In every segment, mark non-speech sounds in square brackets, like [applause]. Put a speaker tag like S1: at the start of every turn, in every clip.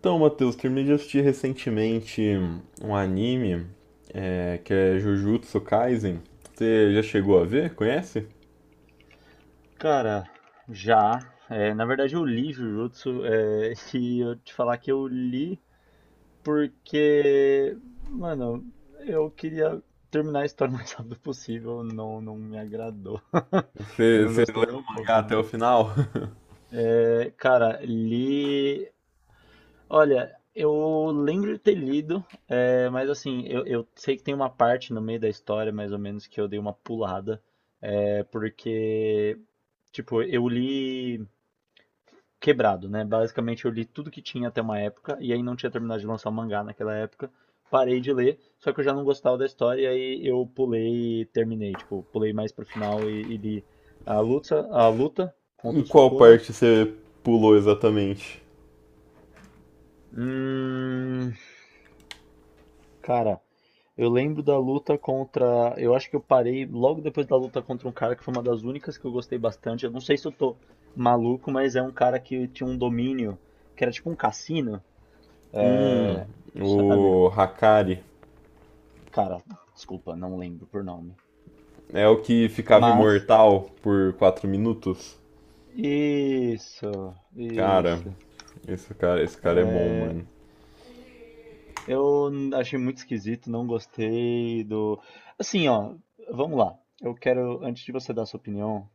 S1: Então, Matheus, terminei de assistir recentemente um anime, que é Jujutsu Kaisen. Você já chegou a ver? Conhece?
S2: Cara, já. É, na verdade, eu li Jujutsu, é, [laughs] e eu te falar que eu li porque, mano, eu queria terminar a história [laughs] o mais rápido possível, não me agradou. [laughs] Eu
S1: Você,
S2: não
S1: você
S2: gostei
S1: leu
S2: nem um
S1: o mangá
S2: pouco,
S1: até o
S2: mano.
S1: final? [laughs]
S2: É, cara, li. Olha, eu lembro de ter lido, é, mas assim, eu sei que tem uma parte no meio da história, mais ou menos, que eu dei uma pulada, é, porque, tipo, eu li. Quebrado, né? Basicamente eu li tudo que tinha até uma época, e aí não tinha terminado de lançar o mangá naquela época. Parei de ler, só que eu já não gostava da história, e aí eu pulei e terminei. Tipo, pulei mais pro final e li a luta
S1: Em
S2: contra o
S1: qual
S2: Sukuna.
S1: parte você pulou exatamente?
S2: Hum, cara, eu lembro da luta contra. Eu acho que eu parei logo depois da luta contra um cara que foi uma das únicas que eu gostei bastante. Eu não sei se eu tô maluco, mas é um cara que tinha um domínio, que era tipo um cassino,
S1: Hum,
S2: é, sabe?
S1: o Hakari.
S2: Cara, desculpa, não lembro por nome.
S1: É o que ficava
S2: Mas,
S1: imortal por 4 minutos?
S2: isso,
S1: Cara,
S2: isso.
S1: esse cara é bom, mano.
S2: Eu achei muito esquisito, não gostei do. Assim, ó, vamos lá. Eu quero, antes de você dar sua opinião,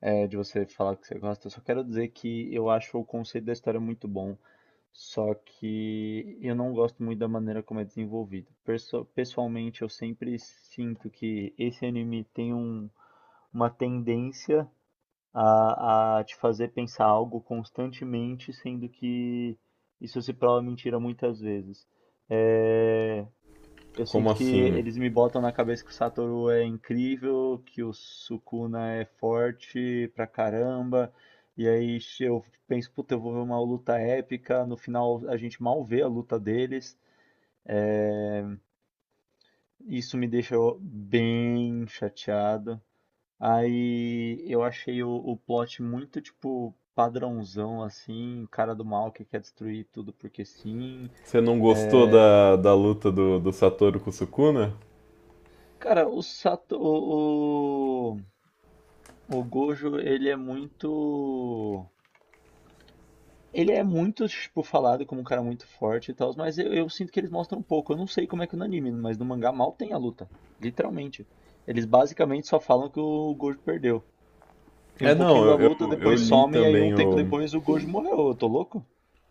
S2: é, de você falar o que você gosta, eu só quero dizer que eu acho o conceito da história muito bom, só que eu não gosto muito da maneira como é desenvolvido. Pessoalmente, eu sempre sinto que esse anime tem um, uma tendência a te fazer pensar algo constantemente, sendo que isso se prova mentira muitas vezes. É, eu
S1: Como
S2: sinto que
S1: assim?
S2: eles me botam na cabeça que o Satoru é incrível, que o Sukuna é forte pra caramba, e aí eu penso, puta, eu vou ver uma luta épica, no final a gente mal vê a luta deles, isso me deixa bem chateado. Aí eu achei o plot muito, tipo, padrãozão, assim, cara do mal que quer destruir tudo porque sim.
S1: Você não gostou da luta do Satoru com o Sukuna?
S2: Cara, o o, Gojo, ele é muito... Ele é muito, tipo, falado como um cara muito forte e tal, mas eu sinto que eles mostram um pouco. Eu não sei como é que no anime, mas no mangá mal tem a luta, literalmente. Eles basicamente só falam que o Gojo perdeu. Tem um
S1: É, não,
S2: pouquinho da
S1: eu,
S2: luta,
S1: eu, eu
S2: depois
S1: li
S2: some, e aí um
S1: também
S2: tempo
S1: o.
S2: depois o Gojo morreu. Eu tô louco?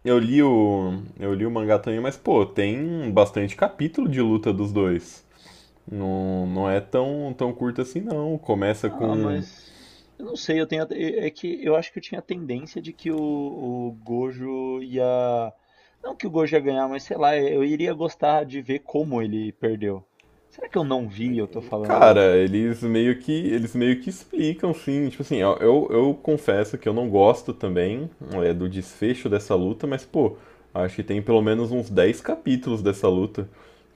S1: Eu li o. Eu li o mangá também, mas, pô, tem bastante capítulo de luta dos dois. Não, não é tão, tão curto assim, não. Começa
S2: Ah,
S1: com.
S2: mas eu não sei, eu tenho é que eu acho que eu tinha a tendência de que o Gojo ia não que o Gojo ia ganhar, mas sei lá, eu iria gostar de ver como ele perdeu. Será que eu não vi? Eu tô falando.
S1: Cara, eles meio que explicam, sim. Tipo assim, ó, eu confesso que eu não gosto também do desfecho dessa luta, mas pô, acho que tem pelo menos uns 10 capítulos dessa luta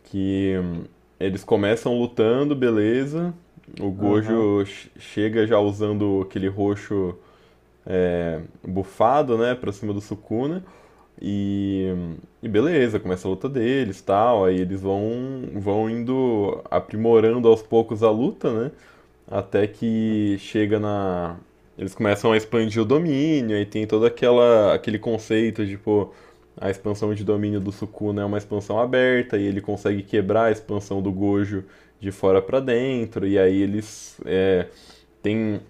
S1: que eles começam lutando, beleza. O
S2: Aham.
S1: Gojo chega já usando aquele roxo bufado, né, pra cima do Sukuna e, hum, e beleza, começa a luta deles, tal. Aí eles vão indo aprimorando aos poucos a luta, né? Até que
S2: Aham.
S1: chega na. Eles começam a expandir o domínio, aí tem todo aquele conceito de, pô, a expansão de domínio do Sukuna é uma expansão aberta, e ele consegue quebrar a expansão do Gojo de fora pra dentro, e aí eles é, tem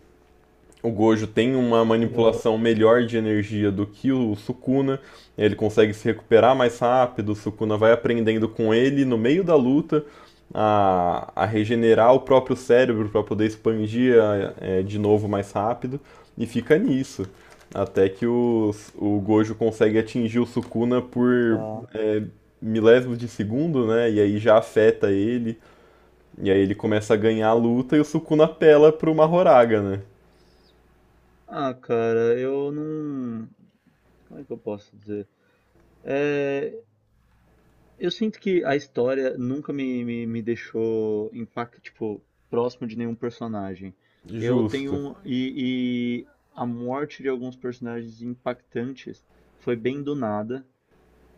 S1: o Gojo tem uma
S2: Aham,
S1: manipulação melhor de energia do que o Sukuna, ele consegue se recuperar mais rápido, o Sukuna vai aprendendo com ele no meio da luta a regenerar o próprio cérebro para poder expandir de novo mais rápido, e fica nisso. Até que o Gojo consegue atingir o Sukuna por
S2: tá.
S1: é, milésimos de segundo, né? E aí já afeta ele, e aí ele começa a ganhar a luta e o Sukuna apela pro Mahoraga, né?
S2: Ah, cara, eu não. Como é que eu posso dizer? Eu sinto que a história nunca me deixou impacto tipo, próximo de nenhum personagem. Eu tenho
S1: Justo.
S2: um, e a morte de alguns personagens impactantes foi bem do nada.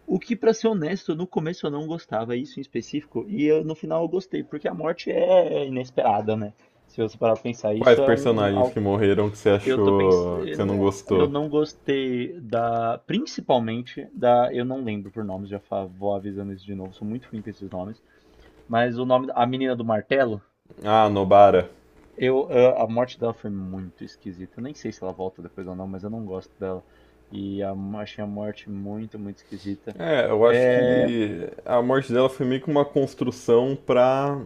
S2: O que, pra ser honesto, no começo eu não gostava, isso em específico, no final eu gostei, porque a morte é inesperada, né? Se você parar pra pensar,
S1: Quais
S2: isso é um,
S1: personagens que morreram que você
S2: eu tô
S1: achou que você
S2: pensando,
S1: não
S2: eu
S1: gostou?
S2: não gostei da, principalmente da, eu não lembro por nomes, vou avisando isso de novo, sou muito ruim com esses nomes, mas o nome, a menina do martelo,
S1: Ah, Nobara.
S2: eu, a morte dela foi muito esquisita, eu nem sei se ela volta depois ou não, mas eu não gosto dela, e a- achei a morte muito, muito esquisita,
S1: É, eu acho
S2: é,
S1: que a morte dela foi meio que uma construção pra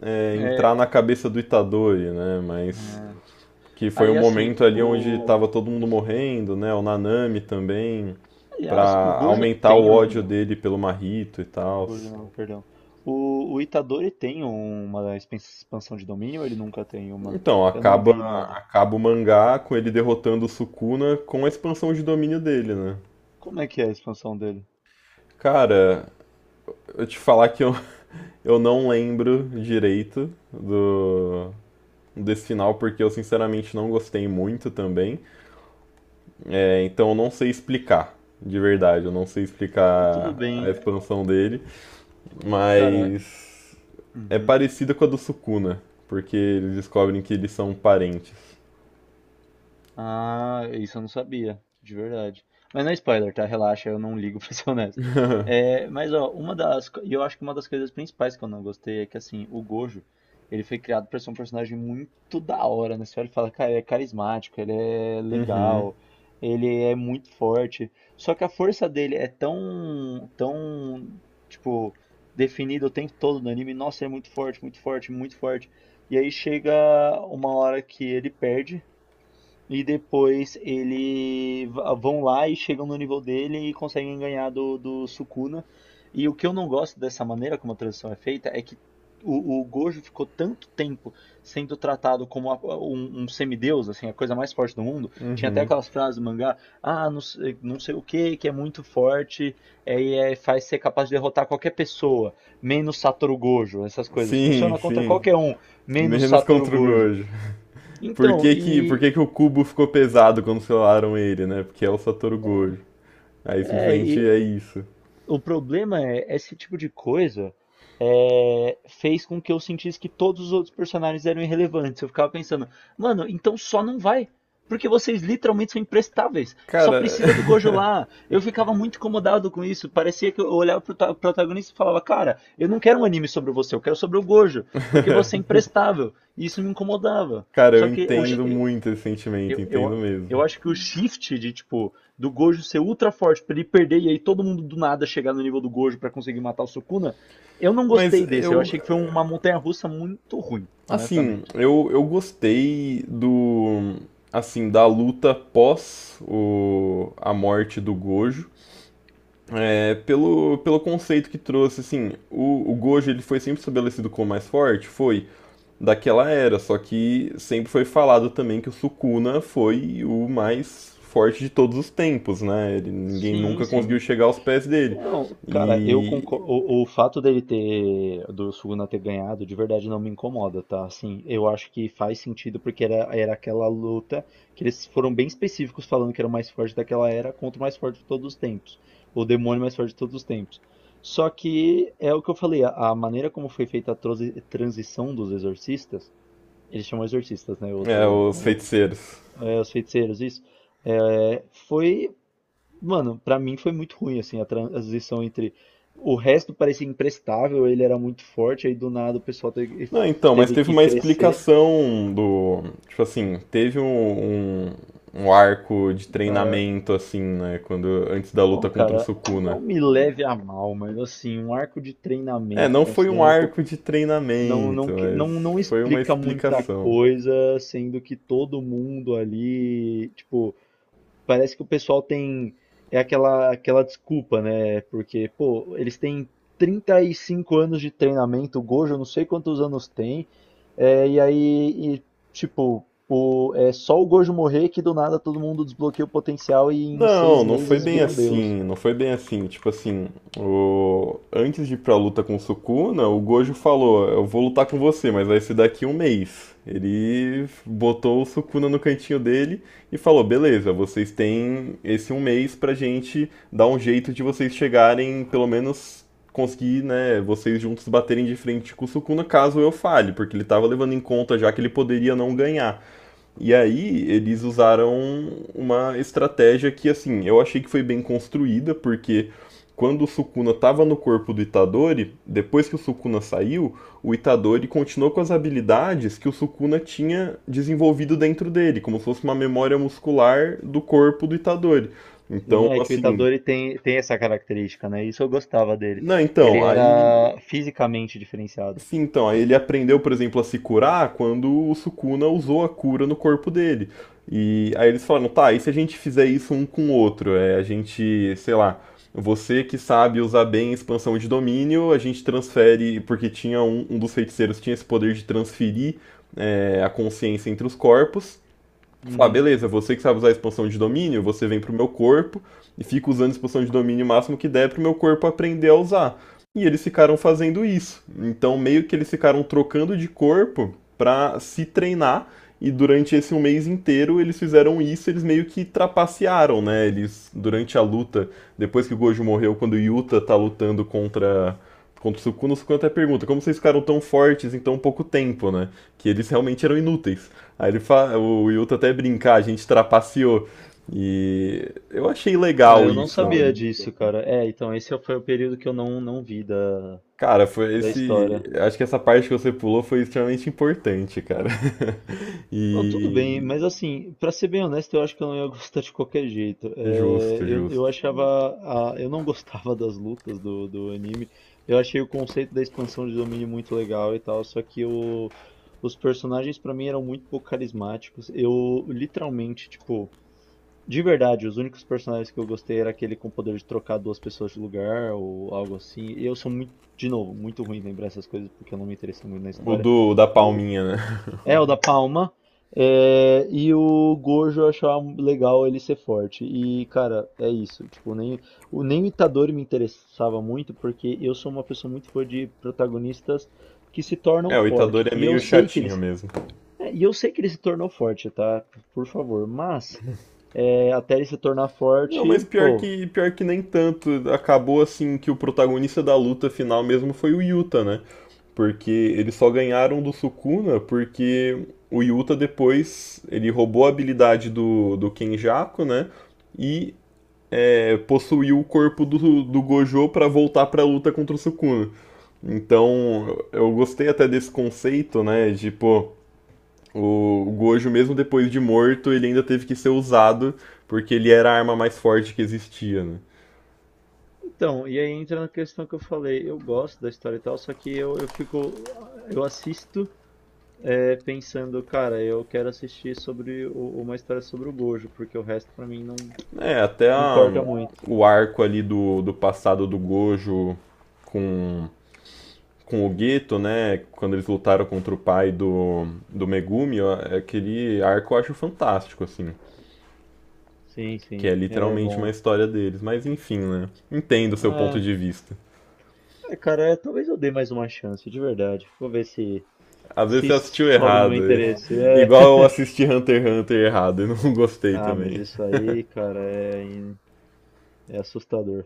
S1: entrar
S2: é,
S1: na cabeça do Itadori, né? Mas que foi um
S2: aí assim,
S1: momento ali onde
S2: o,
S1: tava todo mundo
S2: assim,
S1: morrendo, né? O Nanami também, pra
S2: aliás, o Gojo
S1: aumentar o
S2: tem um,
S1: ódio dele pelo Mahito e
S2: o
S1: tal.
S2: Gordo não, perdão. O Itadori tem uma expansão de domínio ou ele nunca tem uma?
S1: Então,
S2: Eu não
S1: acaba,
S2: vi nada.
S1: acaba o mangá com ele derrotando o Sukuna com a expansão de domínio dele, né?
S2: Como é que é a expansão dele?
S1: Cara, eu te falar que eu. Eu não lembro direito do desse final porque eu sinceramente não gostei muito também. É, então eu não sei explicar, de
S2: Né?
S1: verdade, eu não sei
S2: Ah, tudo
S1: explicar a
S2: bem.
S1: expansão dele,
S2: Cara,
S1: mas é
S2: uhum.
S1: parecida com a do Sukuna, porque eles descobrem que eles são parentes.
S2: Ah, isso eu não sabia, de verdade. Mas não é spoiler, tá? Relaxa, eu não ligo [laughs] pra ser honesto. É, mas ó, uma das, e eu acho que uma das coisas principais que eu não gostei é que assim, o Gojo, ele foi criado pra ser um personagem muito da hora, né? Você olha e fala, cara, ele é carismático, ele é
S1: Uhum.
S2: legal, ele é muito forte. Só que a força dele é tão, tipo, definida o tempo todo no anime. Nossa, ele é muito forte, muito forte, muito forte. E aí chega uma hora que ele perde e depois ele vão lá e chegam no nível dele e conseguem ganhar do, do Sukuna. E o que eu não gosto dessa maneira como a transição é feita é que o Gojo ficou tanto tempo sendo tratado como um semideus, assim, a coisa mais forte do mundo. Tinha até aquelas frases do mangá, ah, não, não sei o que, que é muito forte, é, faz ser capaz de derrotar qualquer pessoa, menos Satoru Gojo, essas coisas.
S1: Sim,
S2: Funciona contra
S1: sim.
S2: qualquer um, menos
S1: Menos
S2: Satoru
S1: contra o
S2: Gojo.
S1: Gojo. Por
S2: Então,
S1: que que, por
S2: e
S1: que que o cubo ficou pesado quando selaram ele, né? Porque é o Satoru Gojo. Aí
S2: é,
S1: simplesmente
S2: e
S1: é isso.
S2: o problema é, esse tipo de coisa é, fez com que eu sentisse que todos os outros personagens eram irrelevantes. Eu ficava pensando, mano, então só não vai. Porque vocês literalmente são imprestáveis. Só
S1: Cara.
S2: precisa do Gojo
S1: [laughs]
S2: lá. Eu ficava muito incomodado com isso. Parecia que eu olhava pro protagonista e falava, cara, eu não quero um anime sobre você, eu quero sobre o Gojo. Porque você é imprestável. E isso me incomodava.
S1: Cara, eu
S2: Só que o, cara,
S1: entendo muito esse sentimento,
S2: eu,
S1: entendo
S2: eu, eu
S1: mesmo.
S2: acho que o shift de, tipo, do Gojo ser ultra forte pra ele perder e aí todo mundo do nada chegar no nível do Gojo pra conseguir matar o Sukuna, eu não
S1: Mas
S2: gostei desse. Eu
S1: eu,
S2: achei que foi uma montanha-russa muito ruim,
S1: assim,
S2: honestamente.
S1: eu gostei do, assim, da luta pós a morte do Gojo. É, pelo conceito que trouxe, assim, o Gojo ele foi sempre estabelecido como mais forte, foi daquela era, só que sempre foi falado também que o Sukuna foi o mais forte de todos os tempos, né? Ele, ninguém
S2: Sim,
S1: nunca
S2: sim.
S1: conseguiu chegar aos pés dele.
S2: Não, cara, eu
S1: E,
S2: concordo. O fato dele ter, do Suguna ter ganhado, de verdade não me incomoda, tá? Assim, eu acho que faz sentido porque era aquela luta que eles foram bem específicos falando que era o mais forte daquela era contra o mais forte de todos os tempos. O demônio mais forte de todos os tempos. Só que é o que eu falei, a maneira como foi feita a transição dos exorcistas, eles chamam exorcistas, né? Eu
S1: é,
S2: tô
S1: os
S2: maluco.
S1: feiticeiros.
S2: É, os feiticeiros, isso. É, foi mano, pra mim foi muito ruim, assim, a transição entre. O resto parecia imprestável, ele era muito forte, aí do nada o pessoal
S1: Não, então, mas
S2: teve
S1: teve
S2: que
S1: uma
S2: crescer.
S1: explicação do. Tipo assim, teve um arco de
S2: Cara,
S1: treinamento, assim, né? Quando, antes da
S2: ô,
S1: luta contra o
S2: cara,
S1: Sukuna.
S2: não me leve a mal, mas assim, um arco de
S1: É,
S2: treinamento,
S1: não foi um
S2: considerando que
S1: arco de treinamento,
S2: não,
S1: mas
S2: não
S1: foi uma
S2: explica muita
S1: explicação.
S2: coisa, sendo que todo mundo ali, tipo. Parece que o pessoal tem é aquela desculpa, né? Porque, pô, eles têm 35 anos de treinamento, o Gojo eu não sei quantos anos tem, é, e aí, e, tipo, o, é só o Gojo morrer que do nada todo mundo desbloqueia o potencial e em
S1: Não,
S2: seis
S1: não foi
S2: meses
S1: bem
S2: vira um deus.
S1: assim, não foi bem assim. Tipo assim, antes de ir pra luta com o Sukuna, o Gojo falou: Eu vou lutar com você, mas vai ser daqui um mês. Ele botou o Sukuna no cantinho dele e falou: Beleza, vocês têm esse um mês pra gente dar um jeito de vocês chegarem, pelo menos conseguir, né, vocês juntos baterem de frente com o Sukuna caso eu falhe, porque ele tava levando em conta já que ele poderia não ganhar. E aí eles usaram uma estratégia que, assim, eu achei que foi bem construída, porque quando o Sukuna estava no corpo do Itadori, depois que o Sukuna saiu, o Itadori continuou com as habilidades que o Sukuna tinha desenvolvido dentro dele, como se fosse uma memória muscular do corpo do Itadori. Então,
S2: Sim, é que o
S1: assim,
S2: Itadori tem, tem essa característica, né? Isso eu gostava dele.
S1: não,
S2: Ele
S1: então, aí.
S2: era fisicamente diferenciado.
S1: Sim, então, aí ele aprendeu, por exemplo, a se curar quando o Sukuna usou a cura no corpo dele. E aí eles falaram, tá, e se a gente fizer isso um com o outro? É, a gente, sei lá, você que sabe usar bem a expansão de domínio, a gente transfere, porque tinha um dos feiticeiros tinha esse poder de transferir a consciência entre os corpos falar,
S2: Uhum.
S1: beleza, você que sabe usar a expansão de domínio, você vem pro meu corpo e fica usando a expansão de domínio o máximo que der pro meu corpo aprender a usar. E eles ficaram fazendo isso. Então, meio que eles ficaram trocando de corpo pra se treinar. E durante esse um mês inteiro eles fizeram isso, eles meio que trapacearam, né? Eles, durante a luta, depois que o Gojo morreu, quando o Yuta tá lutando contra o Sukuna até pergunta, como vocês ficaram tão fortes em tão pouco tempo, né? Que eles realmente eram inúteis. Aí ele fala, o Yuta até brincar, a gente trapaceou. E eu achei
S2: Ah,
S1: legal
S2: eu não
S1: isso,
S2: sabia
S1: né?
S2: disso, cara. É, então esse foi o período que eu não vi da,
S1: Cara, foi
S2: da
S1: esse.
S2: história.
S1: Acho que essa parte que você pulou foi extremamente importante, cara. [laughs]
S2: Não, tudo bem,
S1: E.
S2: mas assim, pra ser bem honesto, eu acho que eu não ia gostar de qualquer jeito. É,
S1: Justo,
S2: eu
S1: justo.
S2: achava, eu não [laughs] gostava das lutas do, do anime. Eu achei o conceito da expansão de domínio muito legal e tal, só que o, os personagens pra mim eram muito pouco carismáticos. Eu literalmente, tipo, de verdade, os únicos personagens que eu gostei era aquele com o poder de trocar duas pessoas de lugar ou algo assim. Eu sou muito, de novo, muito ruim em lembrar essas coisas porque eu não me interessei muito na
S1: O
S2: história.
S1: do, o da
S2: Mas
S1: palminha, né?
S2: é, o da Palma. É, e o Gojo eu achava legal ele ser forte. E, cara, é isso. Tipo, nem, o, nem o Itadori me interessava muito, porque eu sou uma pessoa muito fã de protagonistas que se tornam
S1: É, o Itadori
S2: fortes.
S1: é
S2: E eu
S1: meio
S2: sei que
S1: chatinho
S2: eles,
S1: mesmo.
S2: é, e eu sei que ele se tornou forte, tá? Por favor. Mas, é, até ele se tornar
S1: Não, mas
S2: forte,
S1: pior
S2: pô.
S1: que, pior que nem tanto. Acabou assim que o protagonista da luta final mesmo foi o Yuta, né? Porque eles só ganharam do Sukuna porque o Yuta depois ele roubou a habilidade do Kenjaku, né? E possuiu o corpo do Gojo pra voltar pra luta contra o Sukuna. Então eu gostei até desse conceito, né? De pô, o Gojo, mesmo depois de morto, ele ainda teve que ser usado porque ele era a arma mais forte que existia, né?
S2: Então, e aí entra na questão que eu falei. Eu gosto da história e tal, só que eu fico. Eu assisto. É, pensando, cara, eu quero assistir sobre uma história sobre o Gojo, porque o resto pra mim
S1: É, até
S2: não importa muito.
S1: o arco ali do passado do Gojo com, com o Gueto, né? Quando eles lutaram contra o pai do Megumi, ó, é aquele arco eu acho fantástico, assim.
S2: Sim,
S1: Que é
S2: sim, é
S1: literalmente uma
S2: bom.
S1: história deles. Mas enfim, né? Entendo o seu ponto
S2: Ah,
S1: de vista.
S2: é, cara, é, talvez eu dê mais uma chance, de verdade. Vou ver se
S1: Às vezes
S2: se
S1: você assistiu
S2: sobe no meu
S1: errado.
S2: interesse.
S1: [laughs]
S2: É.
S1: Igual eu assisti Hunter x Hunter errado e não [laughs] gostei
S2: Ah, mas
S1: também.
S2: isso aí, cara, é, é assustador.